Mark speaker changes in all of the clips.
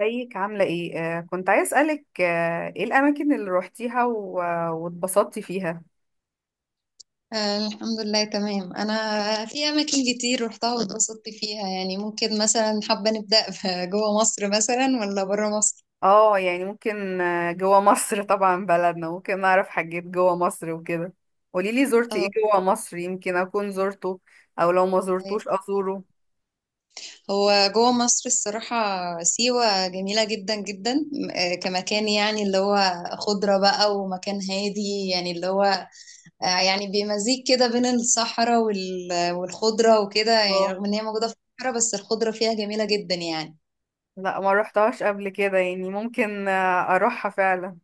Speaker 1: ازيك عاملة ايه؟ كنت عايز اسألك ايه الأماكن اللي روحتيها واتبسطتي فيها؟
Speaker 2: الحمد لله تمام. انا في اماكن كتير روحتها واتبسطت فيها، يعني ممكن مثلا حابه نبدا جوه مصر مثلا ولا بره مصر؟
Speaker 1: اه يعني ممكن جوا مصر طبعا بلدنا ممكن نعرف حاجات جوا مصر وكده. قوليلي زرتي ايه
Speaker 2: اه،
Speaker 1: جوا مصر، يمكن أكون زرته أو لو ما
Speaker 2: طيب.
Speaker 1: زرتوش أزوره.
Speaker 2: هو جوه مصر الصراحه، سيوه جميله جدا جدا، كمكان يعني اللي هو خضره بقى، ومكان هادي يعني اللي هو آه، يعني بمزيج كده بين الصحراء والخضره وكده، يعني
Speaker 1: اه
Speaker 2: رغم ان هي موجوده في الصحراء بس الخضره فيها جميله جدا يعني.
Speaker 1: لا ما روحتهاش قبل كده، يعني ممكن أروحها فعلا.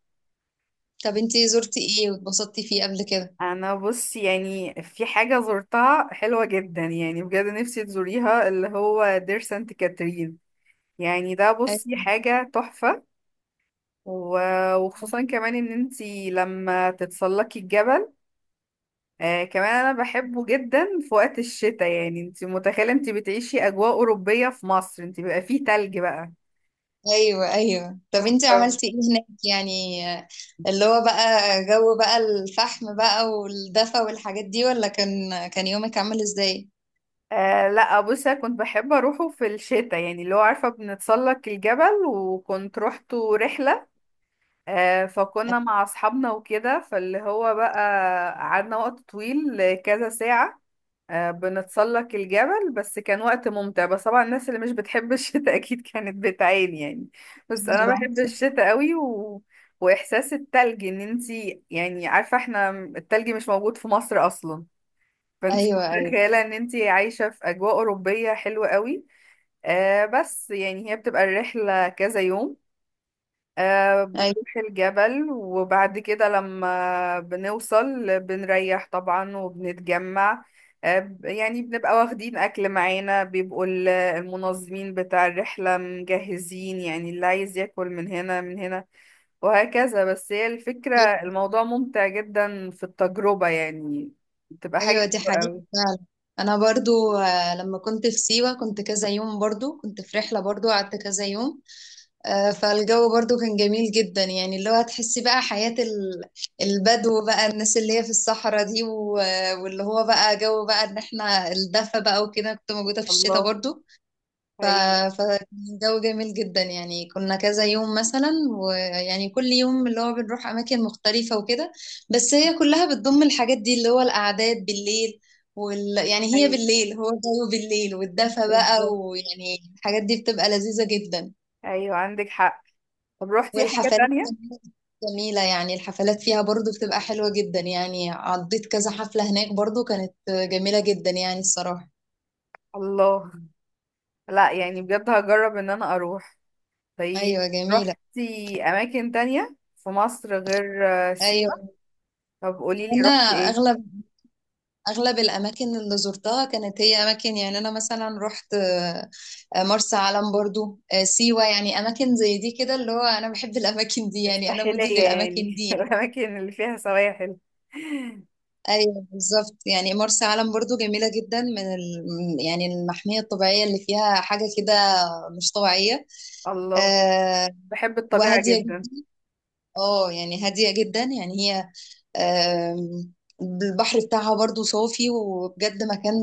Speaker 2: طب انتي زرتي ايه واتبسطتي فيه قبل كده؟
Speaker 1: أنا بص، يعني في حاجة زرتها حلوة جدا، يعني بجد نفسي تزوريها، اللي هو دير سانت كاترين. يعني ده بصي حاجة تحفة. وخصوصا كمان ان انتي لما تتسلقي الجبل. آه كمان انا بحبه جدا في وقت الشتاء، يعني انتي متخيلة انتي بتعيشي اجواء اوروبية في مصر، انتي بيبقى فيه تلج بقى.
Speaker 2: ايوه ايوه. طب انت عملتي ايه هناك؟ يعني اللي هو بقى جو بقى الفحم بقى والدفا والحاجات دي، ولا كان يومك عامل ازاي؟
Speaker 1: لا بصي، أنا كنت بحب اروحه في الشتاء، يعني اللي هو عارفة بنتسلق الجبل، وكنت روحته رحلة. آه فكنا مع اصحابنا وكده، فاللي هو بقى قعدنا وقت طويل، كذا ساعة بنتسلق الجبل. بس كان وقت ممتع، بس طبعا الناس اللي مش بتحب الشتاء اكيد كانت بتعاني يعني. بس انا
Speaker 2: ايوه
Speaker 1: بحب الشتاء قوي واحساس التلج، ان انتي يعني عارفه احنا التلج مش موجود في مصر اصلا، فانتي
Speaker 2: ايوه ايوه
Speaker 1: متخيله ان انتي عايشه في اجواء اوروبيه حلوه قوي. آه بس يعني هي بتبقى الرحله كذا يوم، آه
Speaker 2: ايوه.
Speaker 1: بنروح الجبل، وبعد كده لما بنوصل بنريح طبعا وبنتجمع. يعني بنبقى واخدين أكل معانا، بيبقوا المنظمين بتاع الرحلة مجهزين، يعني اللي عايز ياكل من هنا من هنا وهكذا. بس هي الفكرة، الموضوع ممتع جدا في التجربة يعني، بتبقى حاجة
Speaker 2: ايوه دي
Speaker 1: حلوة
Speaker 2: حقيقة
Speaker 1: أوي.
Speaker 2: فعلا. انا برضو لما كنت في سيوة كنت كذا يوم، برضو كنت في رحلة، برضو قعدت كذا يوم. فالجو برضو كان جميل جدا، يعني اللي هو هتحسي بقى حياة البدو بقى، الناس اللي هي في الصحراء دي، واللي هو بقى جو بقى ان احنا الدفا بقى وكده. كنت موجودة في الشتاء
Speaker 1: الله،
Speaker 2: برضو. ف-
Speaker 1: أيوه،
Speaker 2: فالجو جميل جدا، يعني كنا كذا يوم مثلا، ويعني كل يوم اللي هو بنروح أماكن مختلفة وكده، بس هي كلها بتضم الحاجات دي اللي هو القعدات بالليل، وال... يعني هي
Speaker 1: أيوه
Speaker 2: بالليل، هو الجو بالليل والدفا بقى،
Speaker 1: بالظبط،
Speaker 2: ويعني الحاجات دي بتبقى لذيذة جدا.
Speaker 1: أيوه عندك حق. طب روحتي حاجة
Speaker 2: والحفلات
Speaker 1: تانية؟
Speaker 2: كمان جميلة، يعني الحفلات فيها برضو بتبقى حلوة جدا، يعني عديت كذا حفلة هناك برضو، كانت جميلة جدا يعني الصراحة.
Speaker 1: الله، لا يعني بجد هجرب ان انا اروح. طيب،
Speaker 2: أيوة جميلة.
Speaker 1: رحتي اماكن تانية في مصر غير سيوة؟
Speaker 2: أيوة،
Speaker 1: طب قوليلي
Speaker 2: أنا
Speaker 1: رحتي ايه.
Speaker 2: أغلب أغلب الأماكن اللي زرتها كانت هي أماكن، يعني أنا مثلا رحت مرسى علم، برضو سيوة، يعني أماكن زي دي كده، اللي هو أنا بحب الأماكن دي، يعني أنا
Speaker 1: الساحلية
Speaker 2: مودي للأماكن
Speaker 1: يعني
Speaker 2: دي يعني.
Speaker 1: الاماكن اللي فيها سواحل.
Speaker 2: أيوة بالظبط، يعني مرسى علم برضو جميلة جدا، من ال... يعني المحمية الطبيعية اللي فيها حاجة كده مش طبيعية.
Speaker 1: الله،
Speaker 2: آه،
Speaker 1: بحب الطبيعة
Speaker 2: وهادية جدا.
Speaker 1: جدا.
Speaker 2: اه يعني هادية جدا يعني هي، آم، البحر بتاعها برضو صافي، وبجد مكان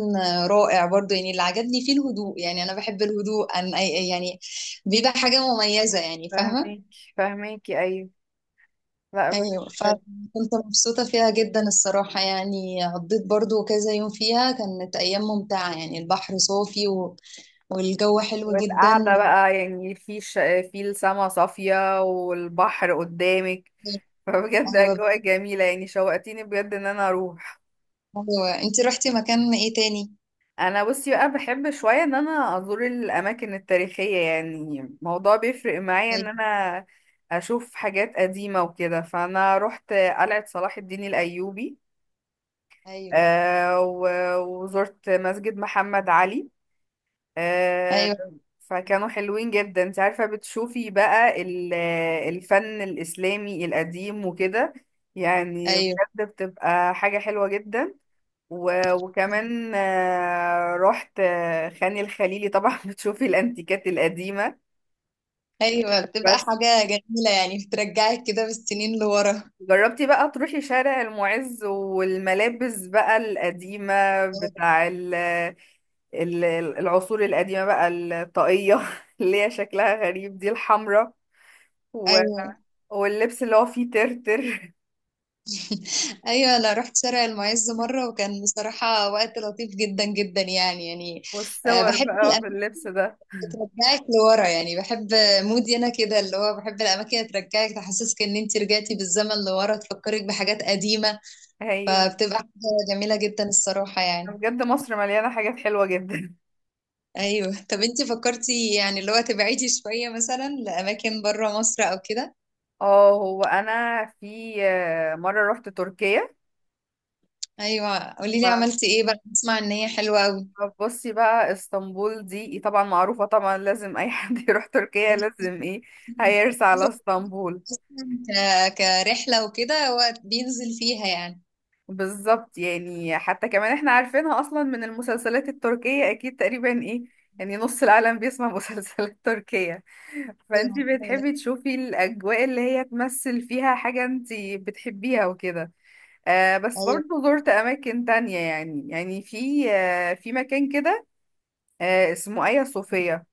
Speaker 2: رائع برضو. يعني اللي عجبني فيه الهدوء، يعني أنا بحب الهدوء. أن يعني بيبقى حاجة مميزة يعني، فاهمة.
Speaker 1: فاهميكي، ايوه. لا بجد.
Speaker 2: أيوة،
Speaker 1: حلو.
Speaker 2: فكنت مبسوطة فيها جدا الصراحة، يعني قضيت برضو كذا يوم فيها، كانت أيام ممتعة، يعني البحر صافي و... والجو حلو جدا
Speaker 1: والقعدة
Speaker 2: و...
Speaker 1: بقى يعني في السما صافية والبحر قدامك، فبجد
Speaker 2: أيوة
Speaker 1: أجواء جميلة، يعني شوقتيني بجد إن أنا أروح.
Speaker 2: أيوة. أنتي رحتي مكان إيه تاني؟
Speaker 1: انا بصي بقى بحب شويه ان انا ازور الاماكن التاريخيه، يعني الموضوع بيفرق معايا ان
Speaker 2: أيوة
Speaker 1: انا اشوف حاجات قديمه وكده. فانا رحت قلعه صلاح الدين الايوبي،
Speaker 2: أيوة.
Speaker 1: وزرت مسجد محمد علي. آه،
Speaker 2: ايوه
Speaker 1: فكانوا حلوين جدا، انت عارفه بتشوفي بقى الفن الاسلامي القديم وكده، يعني بجد
Speaker 2: ايوه.
Speaker 1: بتبقى حاجه حلوه جدا. وكمان رحت خان الخليلي طبعا، بتشوفي الانتيكات القديمة.
Speaker 2: ايوه بتبقى
Speaker 1: بس
Speaker 2: حاجه جميله، يعني بترجعك كده بالسنين لورا.
Speaker 1: جربتي بقى تروحي شارع المعز، والملابس بقى القديمة بتاع ال- العصور القديمة بقى، الطاقية اللي هي شكلها غريب دي، الحمراء، و-
Speaker 2: ايوه
Speaker 1: واللبس اللي هو فيه ترتر.
Speaker 2: ايوه، انا رحت شارع المعز مره، وكان بصراحه وقت لطيف جدا جدا يعني يعني.
Speaker 1: والصور
Speaker 2: بحب
Speaker 1: بقى
Speaker 2: الاماكن
Speaker 1: باللبس ده.
Speaker 2: اللي ترجعك لورا، يعني بحب، مودي انا كده، اللي هو بحب الاماكن اللي ترجعك تحسسك ان انت رجعتي بالزمن لورا، تفكرك بحاجات قديمه،
Speaker 1: ايوه،
Speaker 2: فبتبقى حاجه جميله جدا الصراحه يعني.
Speaker 1: بجد مصر مليانة حاجات حلوة جدا.
Speaker 2: ايوه. طب انت فكرتي يعني اللي هو تبعدي شويه مثلا لاماكن بره مصر او كده؟
Speaker 1: اه هو انا في مرة رحت تركيا.
Speaker 2: ايوه، قولي لي
Speaker 1: ف-
Speaker 2: عملتي ايه بقى، بسمع ان هي حلوه قوي.
Speaker 1: فبصي بقى اسطنبول دي إيه، طبعا معروفة، طبعا لازم أي حد يروح تركيا لازم ايه، هيرسى على اسطنبول.
Speaker 2: كرحله وكده، هو بينزل فيها يعني.
Speaker 1: بالظبط، يعني حتى كمان احنا عارفينها أصلا من المسلسلات التركية، أكيد تقريبا ايه، يعني نص العالم بيسمع مسلسلات تركية،
Speaker 2: ايوه
Speaker 1: فانتي
Speaker 2: فعلا.
Speaker 1: بتحبي تشوفي الأجواء اللي هي تمثل فيها حاجة انتي بتحبيها وكده. آه بس
Speaker 2: ايوه
Speaker 1: برضه زرت أماكن تانية، يعني في آه في مكان كده آه اسمه آيا صوفيا.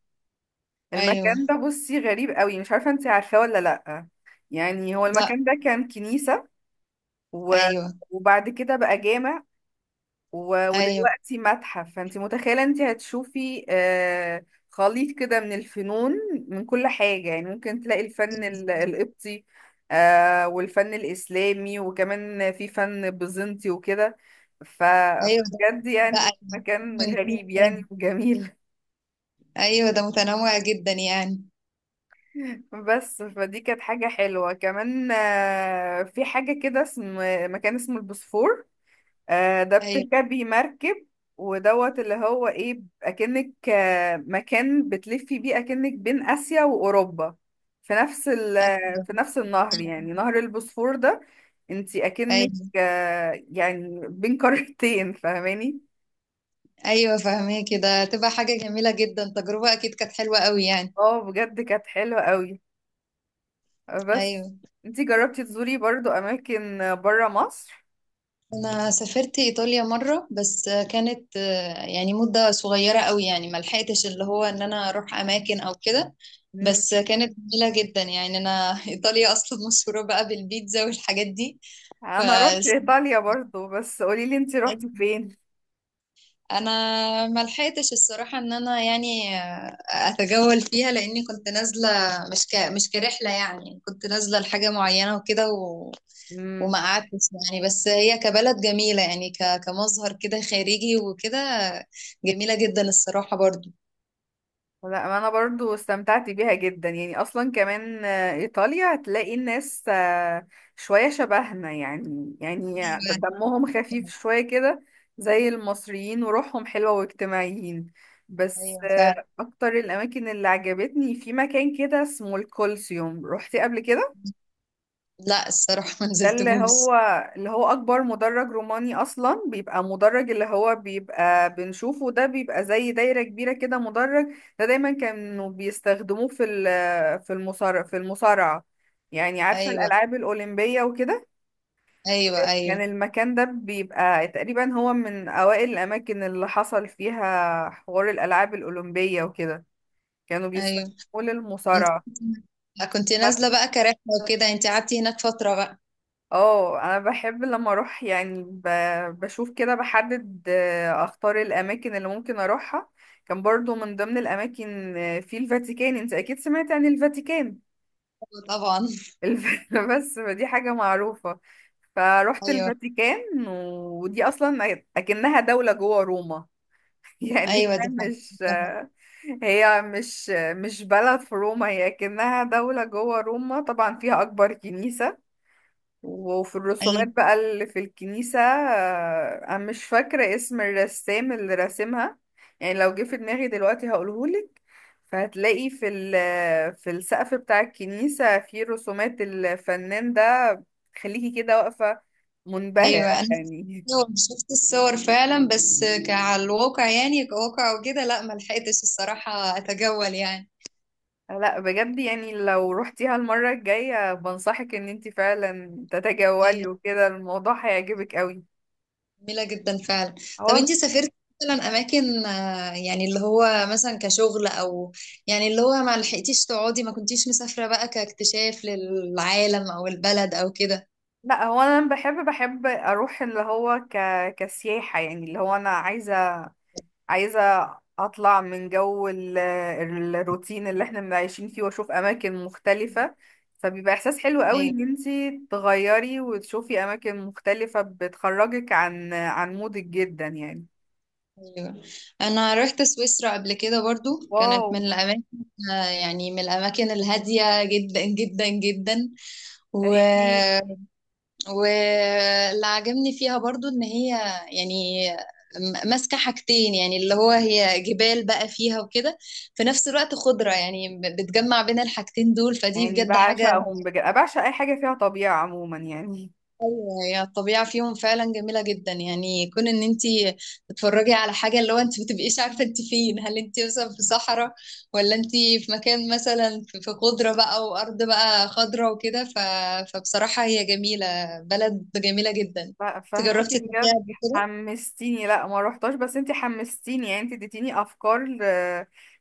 Speaker 2: ايوه.
Speaker 1: المكان ده بصي غريب قوي، مش عارفة انت عارفاه ولا لأ. يعني هو
Speaker 2: لا.
Speaker 1: المكان ده كان كنيسة، و...
Speaker 2: ايوه
Speaker 1: وبعد كده بقى جامع،
Speaker 2: ايوه
Speaker 1: ودلوقتي متحف. فانت متخيلة انت هتشوفي آه خليط كده من الفنون، من كل حاجة، يعني ممكن تلاقي القبطي، آه والفن الإسلامي، وكمان في فن بيزنطي وكده.
Speaker 2: ايوه. ده
Speaker 1: فبجد
Speaker 2: بقى
Speaker 1: يعني مكان
Speaker 2: من كل
Speaker 1: غريب
Speaker 2: حاجه.
Speaker 1: يعني وجميل.
Speaker 2: ايوه ده متنوع جدا يعني.
Speaker 1: بس فدي كانت حاجة حلوة كمان. في حاجة كده اسم، مكان اسمه البوسفور. ده
Speaker 2: ايوه
Speaker 1: بتركبي مركب ودوت اللي هو ايه، اكنك مكان بتلفي بيه اكنك بين اسيا واوروبا، في نفس ال في
Speaker 2: ايوه.
Speaker 1: نفس النهر، يعني نهر البوسفور ده انتي اكنك
Speaker 2: ايوه
Speaker 1: يعني بين قارتين، فاهماني؟
Speaker 2: ايوه فاهمه كده، تبقى حاجه جميله جدا، تجربه اكيد كانت حلوه قوي يعني.
Speaker 1: اه بجد كانت حلوة قوي. بس
Speaker 2: ايوه.
Speaker 1: انتي جربتي تزوري برضو اماكن بره مصر؟
Speaker 2: انا سافرت ايطاليا مره، بس كانت يعني مده صغيره قوي، يعني ما لحقتش اللي هو ان انا اروح اماكن او كده، بس كانت جميله جدا يعني. انا ايطاليا اصلا مشهوره بقى بالبيتزا والحاجات دي. ف
Speaker 1: انا رحت ايطاليا برضو، بس قولي لي انت رحتي فين.
Speaker 2: انا ما لحقتش الصراحه ان انا يعني اتجول فيها، لاني كنت نازله مش مش كرحله، يعني كنت نازله لحاجه معينه وكده، وما
Speaker 1: امم.
Speaker 2: قعدتش يعني. بس هي كبلد جميلة يعني، كمظهر كده خارجي وكده، جميلة جدا الصراحة برضو.
Speaker 1: لا انا برضو استمتعت بيها جدا، يعني اصلا كمان ايطاليا هتلاقي الناس شوية شبهنا يعني، يعني
Speaker 2: أيوة
Speaker 1: دمهم خفيف شوية كده زي المصريين، وروحهم حلوة واجتماعيين. بس
Speaker 2: أيوة فعلا.
Speaker 1: اكتر الاماكن اللي عجبتني في مكان كده اسمه الكولسيوم، روحتي قبل كده؟
Speaker 2: لا الصراحة ما
Speaker 1: ده اللي
Speaker 2: نزلتهوش.
Speaker 1: هو اللي هو أكبر مدرج روماني أصلا، بيبقى مدرج اللي هو بيبقى بنشوفه ده، بيبقى زي دايرة كبيرة كده مدرج. ده دايما كانوا بيستخدموه في المصارعة، يعني عارفة
Speaker 2: أيوة
Speaker 1: الألعاب الأولمبية وكده.
Speaker 2: أيوة
Speaker 1: كان
Speaker 2: أيوة
Speaker 1: المكان ده بيبقى تقريبا هو من أوائل الأماكن اللي حصل فيها حوار الألعاب الأولمبية وكده، كانوا
Speaker 2: أيوة.
Speaker 1: بيستخدموه للمصارعة.
Speaker 2: كنت نازلة بقى كرحلة وكده. أنت قعدتي هناك فترة بقى؟
Speaker 1: اه انا بحب لما اروح يعني بشوف كده، بحدد اختار الاماكن اللي ممكن اروحها. كان برضو من ضمن الاماكن في الفاتيكان، انت اكيد سمعت عن الفاتيكان.
Speaker 2: أيوة طبعا.
Speaker 1: بس دي حاجة معروفة. فروحت
Speaker 2: أيوة
Speaker 1: الفاتيكان، ودي اصلا اكنها دولة جوه روما. يعني
Speaker 2: أيوة دي حاجة.
Speaker 1: هي مش مش بلد في روما، هي اكنها دولة جوه روما، طبعا فيها اكبر كنيسة. وفي الرسومات
Speaker 2: أيوة
Speaker 1: بقى اللي في الكنيسة، أنا مش فاكرة اسم الرسام اللي راسمها، يعني لو جه في دماغي دلوقتي هقولهولك. فهتلاقي في السقف بتاع الكنيسة في رسومات الفنان ده، خليكي كده واقفة منبهرة
Speaker 2: أيوة. أنا شفت
Speaker 1: يعني.
Speaker 2: الصور، شفت الصور فعلا، بس كعلى الواقع يعني، كواقع وكده لا، ما لحقتش الصراحة أتجول يعني.
Speaker 1: لا بجد، يعني لو روحتيها المرة الجاية بنصحك ان انت فعلا تتجولي وكده، الموضوع هيعجبك قوي.
Speaker 2: جميلة جدا فعلا. طب
Speaker 1: هو.
Speaker 2: انتي سافرتي مثلا اماكن يعني اللي هو مثلا كشغل او يعني اللي هو ما لحقتيش تقعدي، ما كنتيش مسافرة بقى كاكتشاف للعالم او البلد او كده؟
Speaker 1: لا هو انا لما بحب بحب اروح اللي هو كسياحة، يعني اللي هو انا عايزة اطلع من الروتين اللي احنا عايشين فيه، واشوف اماكن مختلفة. فبيبقى احساس حلو قوي
Speaker 2: ايوه
Speaker 1: ان انتي تغيري وتشوفي اماكن مختلفة، بتخرجك عن مودك جدا يعني.
Speaker 2: ايوه. انا رحت سويسرا قبل كده، برضو
Speaker 1: واو.
Speaker 2: كانت من الاماكن، يعني من الاماكن الهادية جدا جدا جدا. و...
Speaker 1: احكي.
Speaker 2: واللي عجبني فيها برضو ان هي يعني ماسكة حاجتين، يعني اللي هو هي جبال بقى فيها وكده، في نفس الوقت خضرة، يعني بتجمع بين الحاجتين دول، فدي
Speaker 1: يعني
Speaker 2: بجد حاجة.
Speaker 1: بعشقهم بجد، بعشق اي حاجة فيها طبيعة عموما يعني.
Speaker 2: ايوه هي الطبيعه فيهم فعلا جميله جدا، يعني كون ان انت تتفرجي على حاجه، اللي هو انت ما بتبقيش عارفه انت فين، هل انت مثلا في صحراء، ولا انت في مكان مثلا في في خضره بقى، وارض بقى خضره وكده، ف... فبصراحه هي جميله، بلد جميله جدا.
Speaker 1: لا
Speaker 2: انت
Speaker 1: فهمكي
Speaker 2: جربتي تروحيها
Speaker 1: بجد،
Speaker 2: قبل كده؟
Speaker 1: حمستيني. لا ما روحتش، بس انتي حمستيني، يعني انتي اديتيني افكار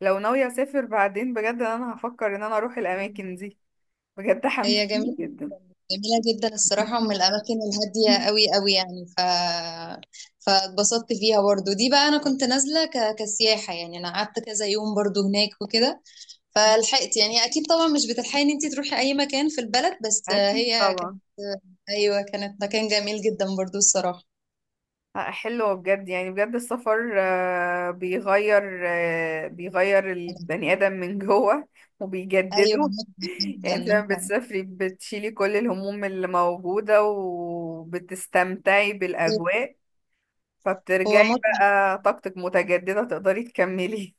Speaker 1: لو ناوية اسافر بعدين بجد انا هفكر ان انا اروح الاماكن دي. بجد
Speaker 2: هي
Speaker 1: حمستيني
Speaker 2: جميله،
Speaker 1: جدا.
Speaker 2: جميله جدا الصراحه، من الاماكن الهاديه قوي قوي يعني. فاتبسطت فيها برضو. دي بقى انا كنت نازله كسياحه يعني، انا قعدت كذا يوم برضو هناك وكده، فلحقت يعني. اكيد طبعا مش بتلحقي ان انت تروحي اي مكان في البلد، بس
Speaker 1: اكيد
Speaker 2: هي كانت،
Speaker 1: طبعا.
Speaker 2: ايوه، كانت مكان جميل جدا برضو الصراحه.
Speaker 1: لا، حلوة بجد، يعني بجد السفر بيغير البني ادم من جوه
Speaker 2: ايوه
Speaker 1: وبيجدده.
Speaker 2: متعه،
Speaker 1: يعني
Speaker 2: جدا
Speaker 1: انت لما
Speaker 2: متعه.
Speaker 1: بتسافري بتشيلي كل الهموم اللي موجودة، وبتستمتعي
Speaker 2: أيوة،
Speaker 1: بالاجواء،
Speaker 2: هو
Speaker 1: فبترجعي
Speaker 2: متعه.
Speaker 1: بقى طاقتك متجددة تقدري تكملي.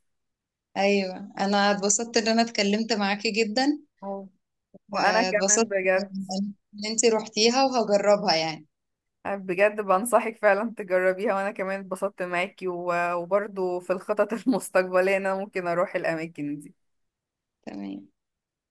Speaker 2: ايوه، انا اتبسطت ان انا اتكلمت معاكي جدا.
Speaker 1: اه وانا كمان
Speaker 2: واتبسطت
Speaker 1: بجد.
Speaker 2: ان انت روحتيها وهجربها يعني.
Speaker 1: بجد بنصحك فعلا تجربيها، وانا كمان اتبسطت معاكي، وبرضو في الخطط المستقبلية إن انا ممكن اروح الاماكن دي.
Speaker 2: تمام.